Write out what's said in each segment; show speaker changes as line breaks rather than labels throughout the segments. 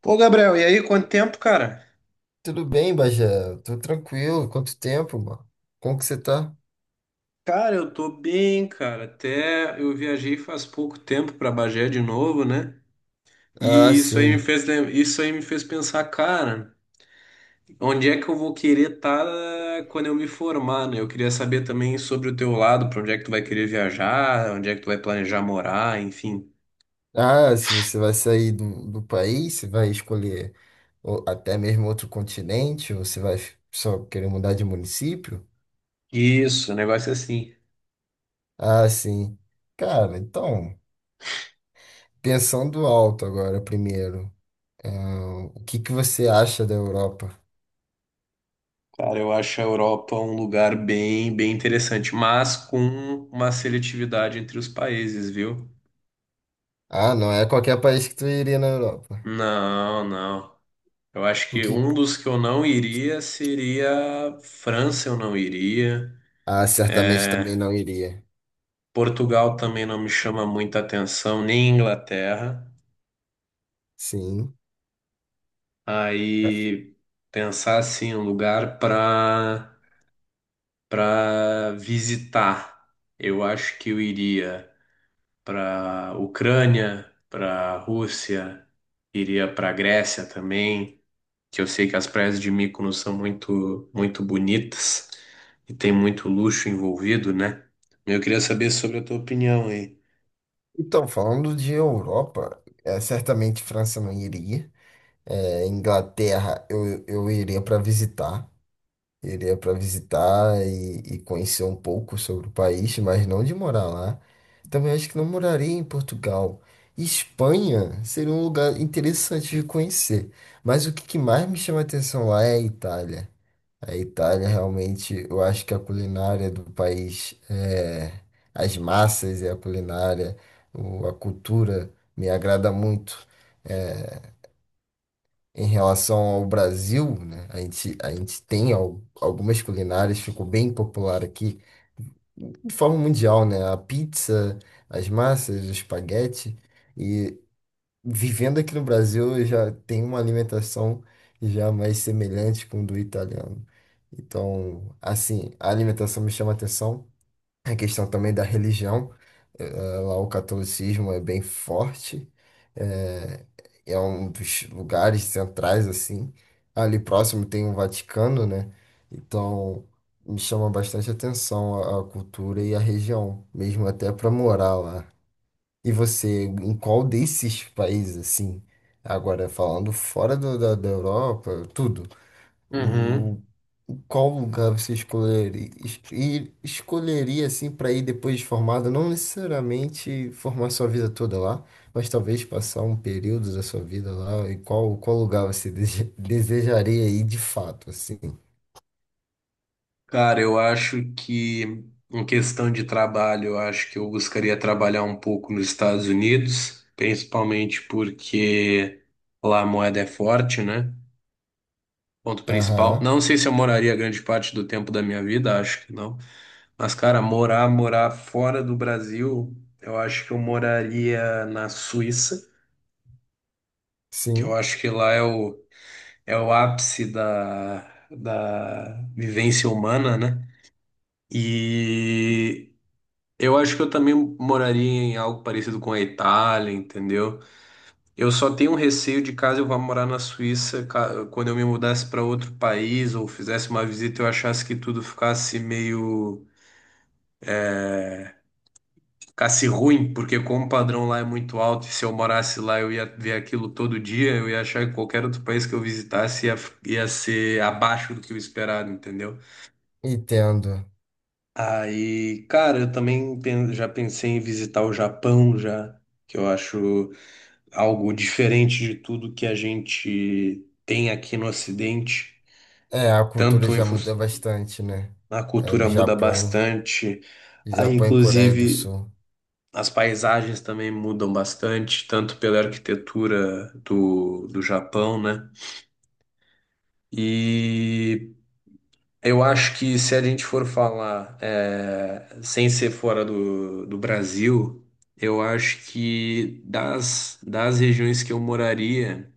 Pô, Gabriel, e aí, quanto tempo, cara?
Tudo bem, Bagé? Tô tranquilo. Quanto tempo, mano? Como que você tá?
Cara, eu tô bem, cara. Até eu viajei faz pouco tempo pra Bagé de novo, né?
Ah,
E isso aí me
sim.
fez, isso aí me fez pensar, cara, onde é que eu vou querer estar quando eu me formar, né? Eu queria saber também sobre o teu lado, pra onde é que tu vai querer viajar, onde é que tu vai planejar morar, enfim.
Ah, se você vai sair do país, você vai escolher ou até mesmo outro continente, ou você vai só querer mudar de município?
Isso, o negócio é assim.
Ah, sim. Cara, então, pensando alto agora primeiro, o que que você acha da Europa?
Cara, eu acho a Europa um lugar bem, bem interessante, mas com uma seletividade entre os países, viu?
Ah, não é qualquer país que tu iria na Europa.
Não, não. Eu acho
O
que
que?
um dos que eu não iria seria França, eu não iria.
Ah, certamente também não iria.
Portugal também não me chama muita atenção, nem Inglaterra.
Sim.
Aí pensar assim, um lugar para visitar. Eu acho que eu iria para Ucrânia, para Rússia, iria para Grécia também, que eu sei que as praias de Mykonos são muito, muito bonitas e tem muito luxo envolvido, né? Eu queria saber sobre a tua opinião aí.
Então, falando de Europa, certamente França não iria. Inglaterra eu iria para visitar. Iria para visitar e conhecer um pouco sobre o país, mas não de morar lá. Também acho que não moraria em Portugal. Espanha seria um lugar interessante de conhecer. Mas o que que mais me chama a atenção lá é a Itália. A Itália realmente, eu acho que a culinária do país, as massas e a culinária, a cultura me agrada muito. É, Em relação ao Brasil, né, a gente tem algumas culinárias, ficou bem popular aqui, de forma mundial, né? A pizza, as massas, o espaguete vivendo aqui no Brasil, eu já tenho uma alimentação já mais semelhante com do italiano. Então, assim, a alimentação me chama atenção. A questão também da religião, lá o catolicismo é bem forte, eh, um dos lugares centrais, assim. Ali próximo tem o Vaticano, né? Então, me chama bastante atenção a cultura e a região, mesmo até para morar lá. E você, em qual desses países, assim, agora falando fora da Europa, tudo, o,
Uhum.
qual lugar você escolheria, e escolheria, assim, para ir depois de formado, não necessariamente formar sua vida toda lá, mas talvez passar um período da sua vida lá, e qual lugar você desejaria ir de fato, assim?
Cara, eu acho que em questão de trabalho, eu acho que eu buscaria trabalhar um pouco nos Estados Unidos, principalmente porque lá a moeda é forte, né? Ponto principal.
Aham,
Não sei se eu moraria grande parte do tempo da minha vida, acho que não. Mas, cara, morar, morar fora do Brasil, eu acho que eu moraria na Suíça, que eu
sim,
acho que lá é o ápice da vivência humana, né? E eu acho que eu também moraria em algo parecido com a Itália, entendeu? Eu só tenho um receio de caso eu vá morar na Suíça, quando eu me mudasse para outro país ou fizesse uma visita, eu achasse que tudo ficasse meio ficasse ruim, porque como o padrão lá é muito alto, e se eu morasse lá eu ia ver aquilo todo dia, eu ia achar que qualquer outro país que eu visitasse ia ser abaixo do que eu esperava, entendeu?
entendo.
Aí, cara, eu também já pensei em visitar o Japão já, que eu acho algo diferente de tudo que a gente tem aqui no Ocidente,
É, a cultura
tanto em
já
fun-
muda bastante, né?
a
É, no
cultura muda
Japão.
bastante. Aí,
Japão e Coreia do
inclusive,
Sul.
as paisagens também mudam bastante, tanto pela arquitetura do Japão, né? E eu acho que se a gente for falar sem ser fora do Brasil, eu acho que das regiões que eu moraria,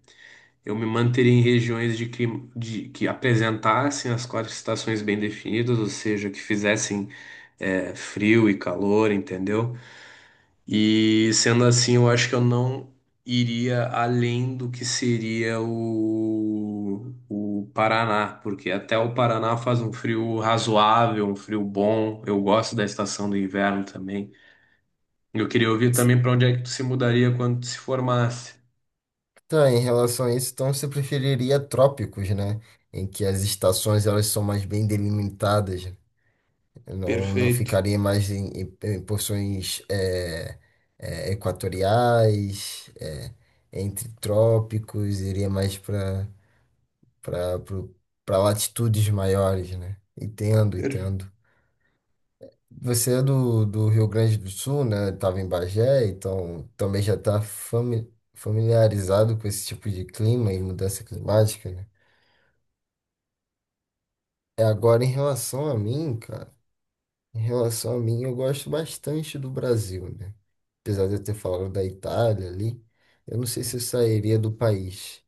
eu me manteria em regiões de clima, que apresentassem as quatro estações bem definidas, ou seja, que fizessem frio e calor, entendeu? E sendo assim, eu acho que eu não iria além do que seria o Paraná, porque até o Paraná faz um frio razoável, um frio bom. Eu gosto da estação do inverno também. Eu queria ouvir também para onde é que tu se mudaria quando tu se formasse.
Tá, em relação a isso, então você preferiria trópicos, né? Em que as estações elas são mais bem delimitadas, não, não
Perfeito.
ficaria mais em porções equatoriais, entre trópicos, iria mais para latitudes maiores, né? Entendo,
Per-
entendo. Você é do Rio Grande do Sul, né? Estava em Bagé, então também já está familiarizado com esse tipo de clima e mudança climática, né? É agora em relação a mim, cara. Em relação a mim, eu gosto bastante do Brasil, né? Apesar de eu ter falado da Itália ali, eu não sei se eu sairia do país.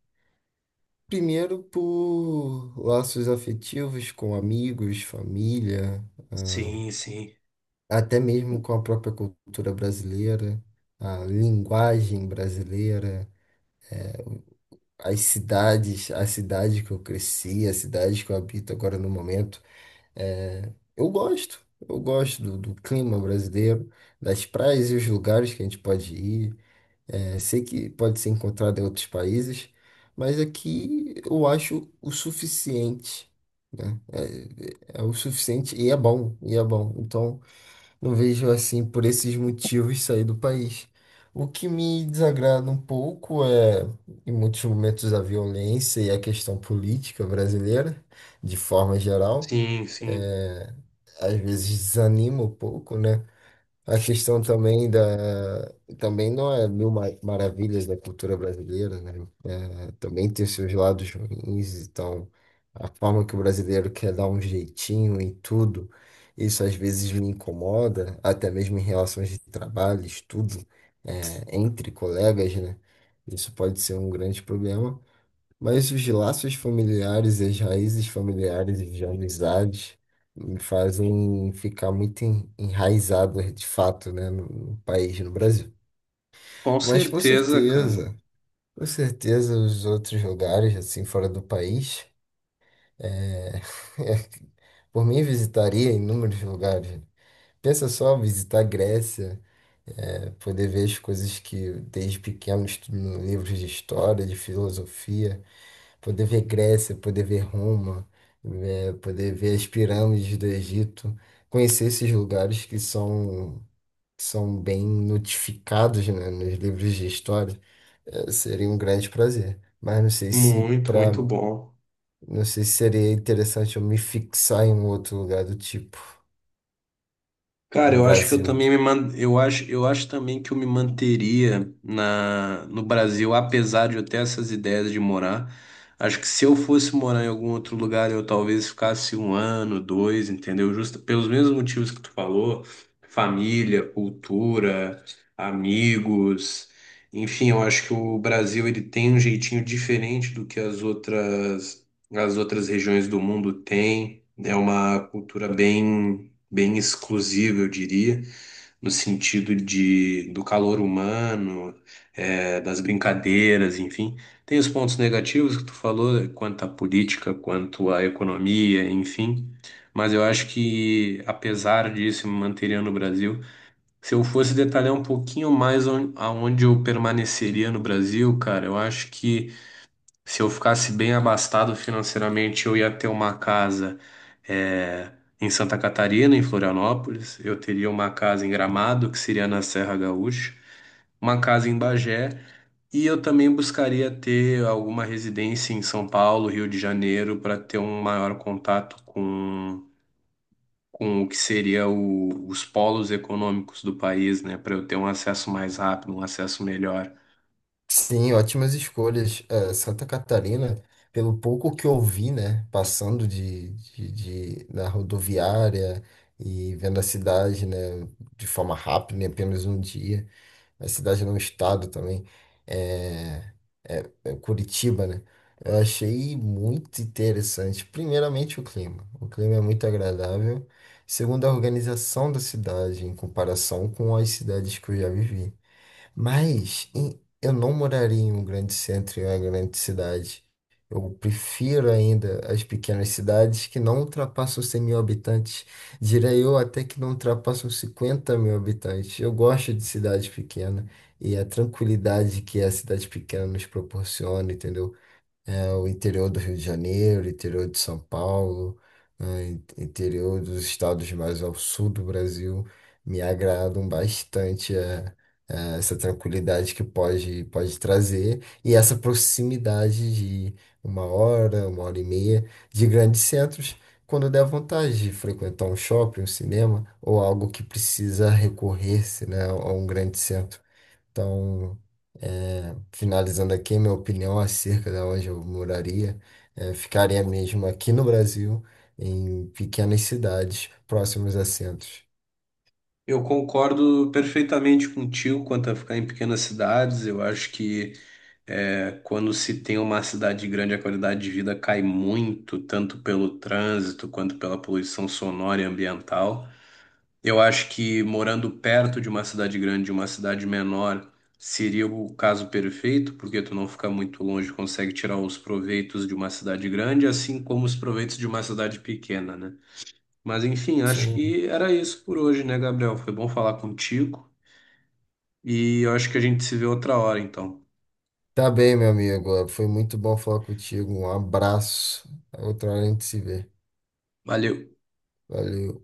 Primeiro por laços afetivos com amigos, família, ah,
Sim, sim.
até mesmo com a própria cultura brasileira, a linguagem brasileira, as cidades, a cidade que eu cresci, a cidade que eu habito agora no momento, eu gosto. Eu gosto do clima brasileiro, das praias e os lugares que a gente pode ir. Sei que pode ser encontrado em outros países, mas aqui eu acho o suficiente. É, é o suficiente e é bom, e é bom. Então, não vejo assim por esses motivos sair do país. O que me desagrada um pouco é, em muitos momentos, a violência e a questão política brasileira, de forma geral,
Sim, sim.
é, às vezes desanima um pouco, né? A questão também também não é mil maravilhas da cultura brasileira, né? Também tem seus lados ruins, então a forma que o brasileiro quer dar um jeitinho em tudo, isso às vezes me incomoda, até mesmo em relações de trabalho, estudo, entre colegas, né? Isso pode ser um grande problema, mas os laços familiares, e as raízes familiares e de amizades me fazem ficar muito enraizado de fato, né, no país, no Brasil.
Com
Mas com
certeza, cara.
certeza. Com certeza, os outros lugares, assim, fora do país. É, Por mim, visitaria inúmeros lugares. Pensa só, visitar a Grécia, poder ver as coisas que desde pequeno estudo em livros de história, de filosofia, poder ver Grécia, poder ver Roma, poder ver as pirâmides do Egito, conhecer esses lugares que são, bem notificados, né, nos livros de história, seria um grande prazer.
Muito, muito bom.
Não sei se seria interessante eu me fixar em um outro lugar do tipo.
Cara,
No
eu acho que eu
Brasil.
também eu acho, também que eu me manteria na no Brasil, apesar de eu ter essas ideias de morar. Acho que se eu fosse morar em algum outro lugar, eu talvez ficasse um ano, dois, entendeu? Justo pelos mesmos motivos que tu falou, família, cultura, amigos. Enfim, eu acho que o Brasil ele tem um jeitinho diferente do que as outras regiões do mundo têm. É uma cultura bem, bem exclusivo, eu diria, no sentido de do calor humano, das brincadeiras, enfim. Tem os pontos negativos que tu falou, quanto à política, quanto à economia, enfim. Mas eu acho que, apesar disso, me manteria no Brasil. Se eu fosse detalhar um pouquinho mais aonde eu permaneceria no Brasil, cara, eu acho que se eu ficasse bem abastado financeiramente, eu ia ter uma casa eh, em Santa Catarina, em Florianópolis. Eu teria uma casa em Gramado, que seria na Serra Gaúcha, uma casa em Bagé. E eu também buscaria ter alguma residência em São Paulo, Rio de Janeiro, para ter um maior contato com o que seria os polos econômicos do país, né? Para eu ter um acesso mais rápido, um acesso melhor.
Sim, ótimas escolhas. Santa Catarina, pelo pouco que eu vi, né? Passando na rodoviária e vendo a cidade, né? De forma rápida, em apenas um dia. Na cidade, não, estado também, é, é Curitiba, né? Eu achei muito interessante. Primeiramente, o clima. O clima é muito agradável. Segundo, a organização da cidade, em comparação com as cidades que eu já vivi. Mas eu não moraria em um grande centro, em uma grande cidade. Eu prefiro ainda as pequenas cidades que não ultrapassam 100 mil habitantes. Diria eu até que não ultrapassam 50 mil habitantes. Eu gosto de cidade pequena e a tranquilidade que a cidade pequena nos proporciona, entendeu? O interior do Rio de Janeiro, o interior de São Paulo, né, interior dos estados mais ao sul do Brasil me agradam bastante. Essa tranquilidade que pode trazer e essa proximidade de uma hora e meia de grandes centros, quando der vontade de frequentar um shopping, um cinema ou algo que precisa recorrer-se, né, a um grande centro. Então, finalizando aqui, minha opinião acerca de onde eu moraria, ficaria mesmo aqui no Brasil, em pequenas cidades próximas a centros.
Eu concordo perfeitamente contigo quanto a ficar em pequenas cidades. Eu acho que quando se tem uma cidade grande, a qualidade de vida cai muito, tanto pelo trânsito quanto pela poluição sonora e ambiental. Eu acho que morando perto de uma cidade grande e uma cidade menor seria o caso perfeito, porque tu não fica muito longe, consegue tirar os proveitos de uma cidade grande, assim como os proveitos de uma cidade pequena, né? Mas enfim, acho
Sim.
que era isso por hoje, né, Gabriel? Foi bom falar contigo e eu acho que a gente se vê outra hora, então.
Tá bem, meu amigo. Foi muito bom falar contigo. Um abraço. Outra hora a gente se vê.
Valeu.
Valeu.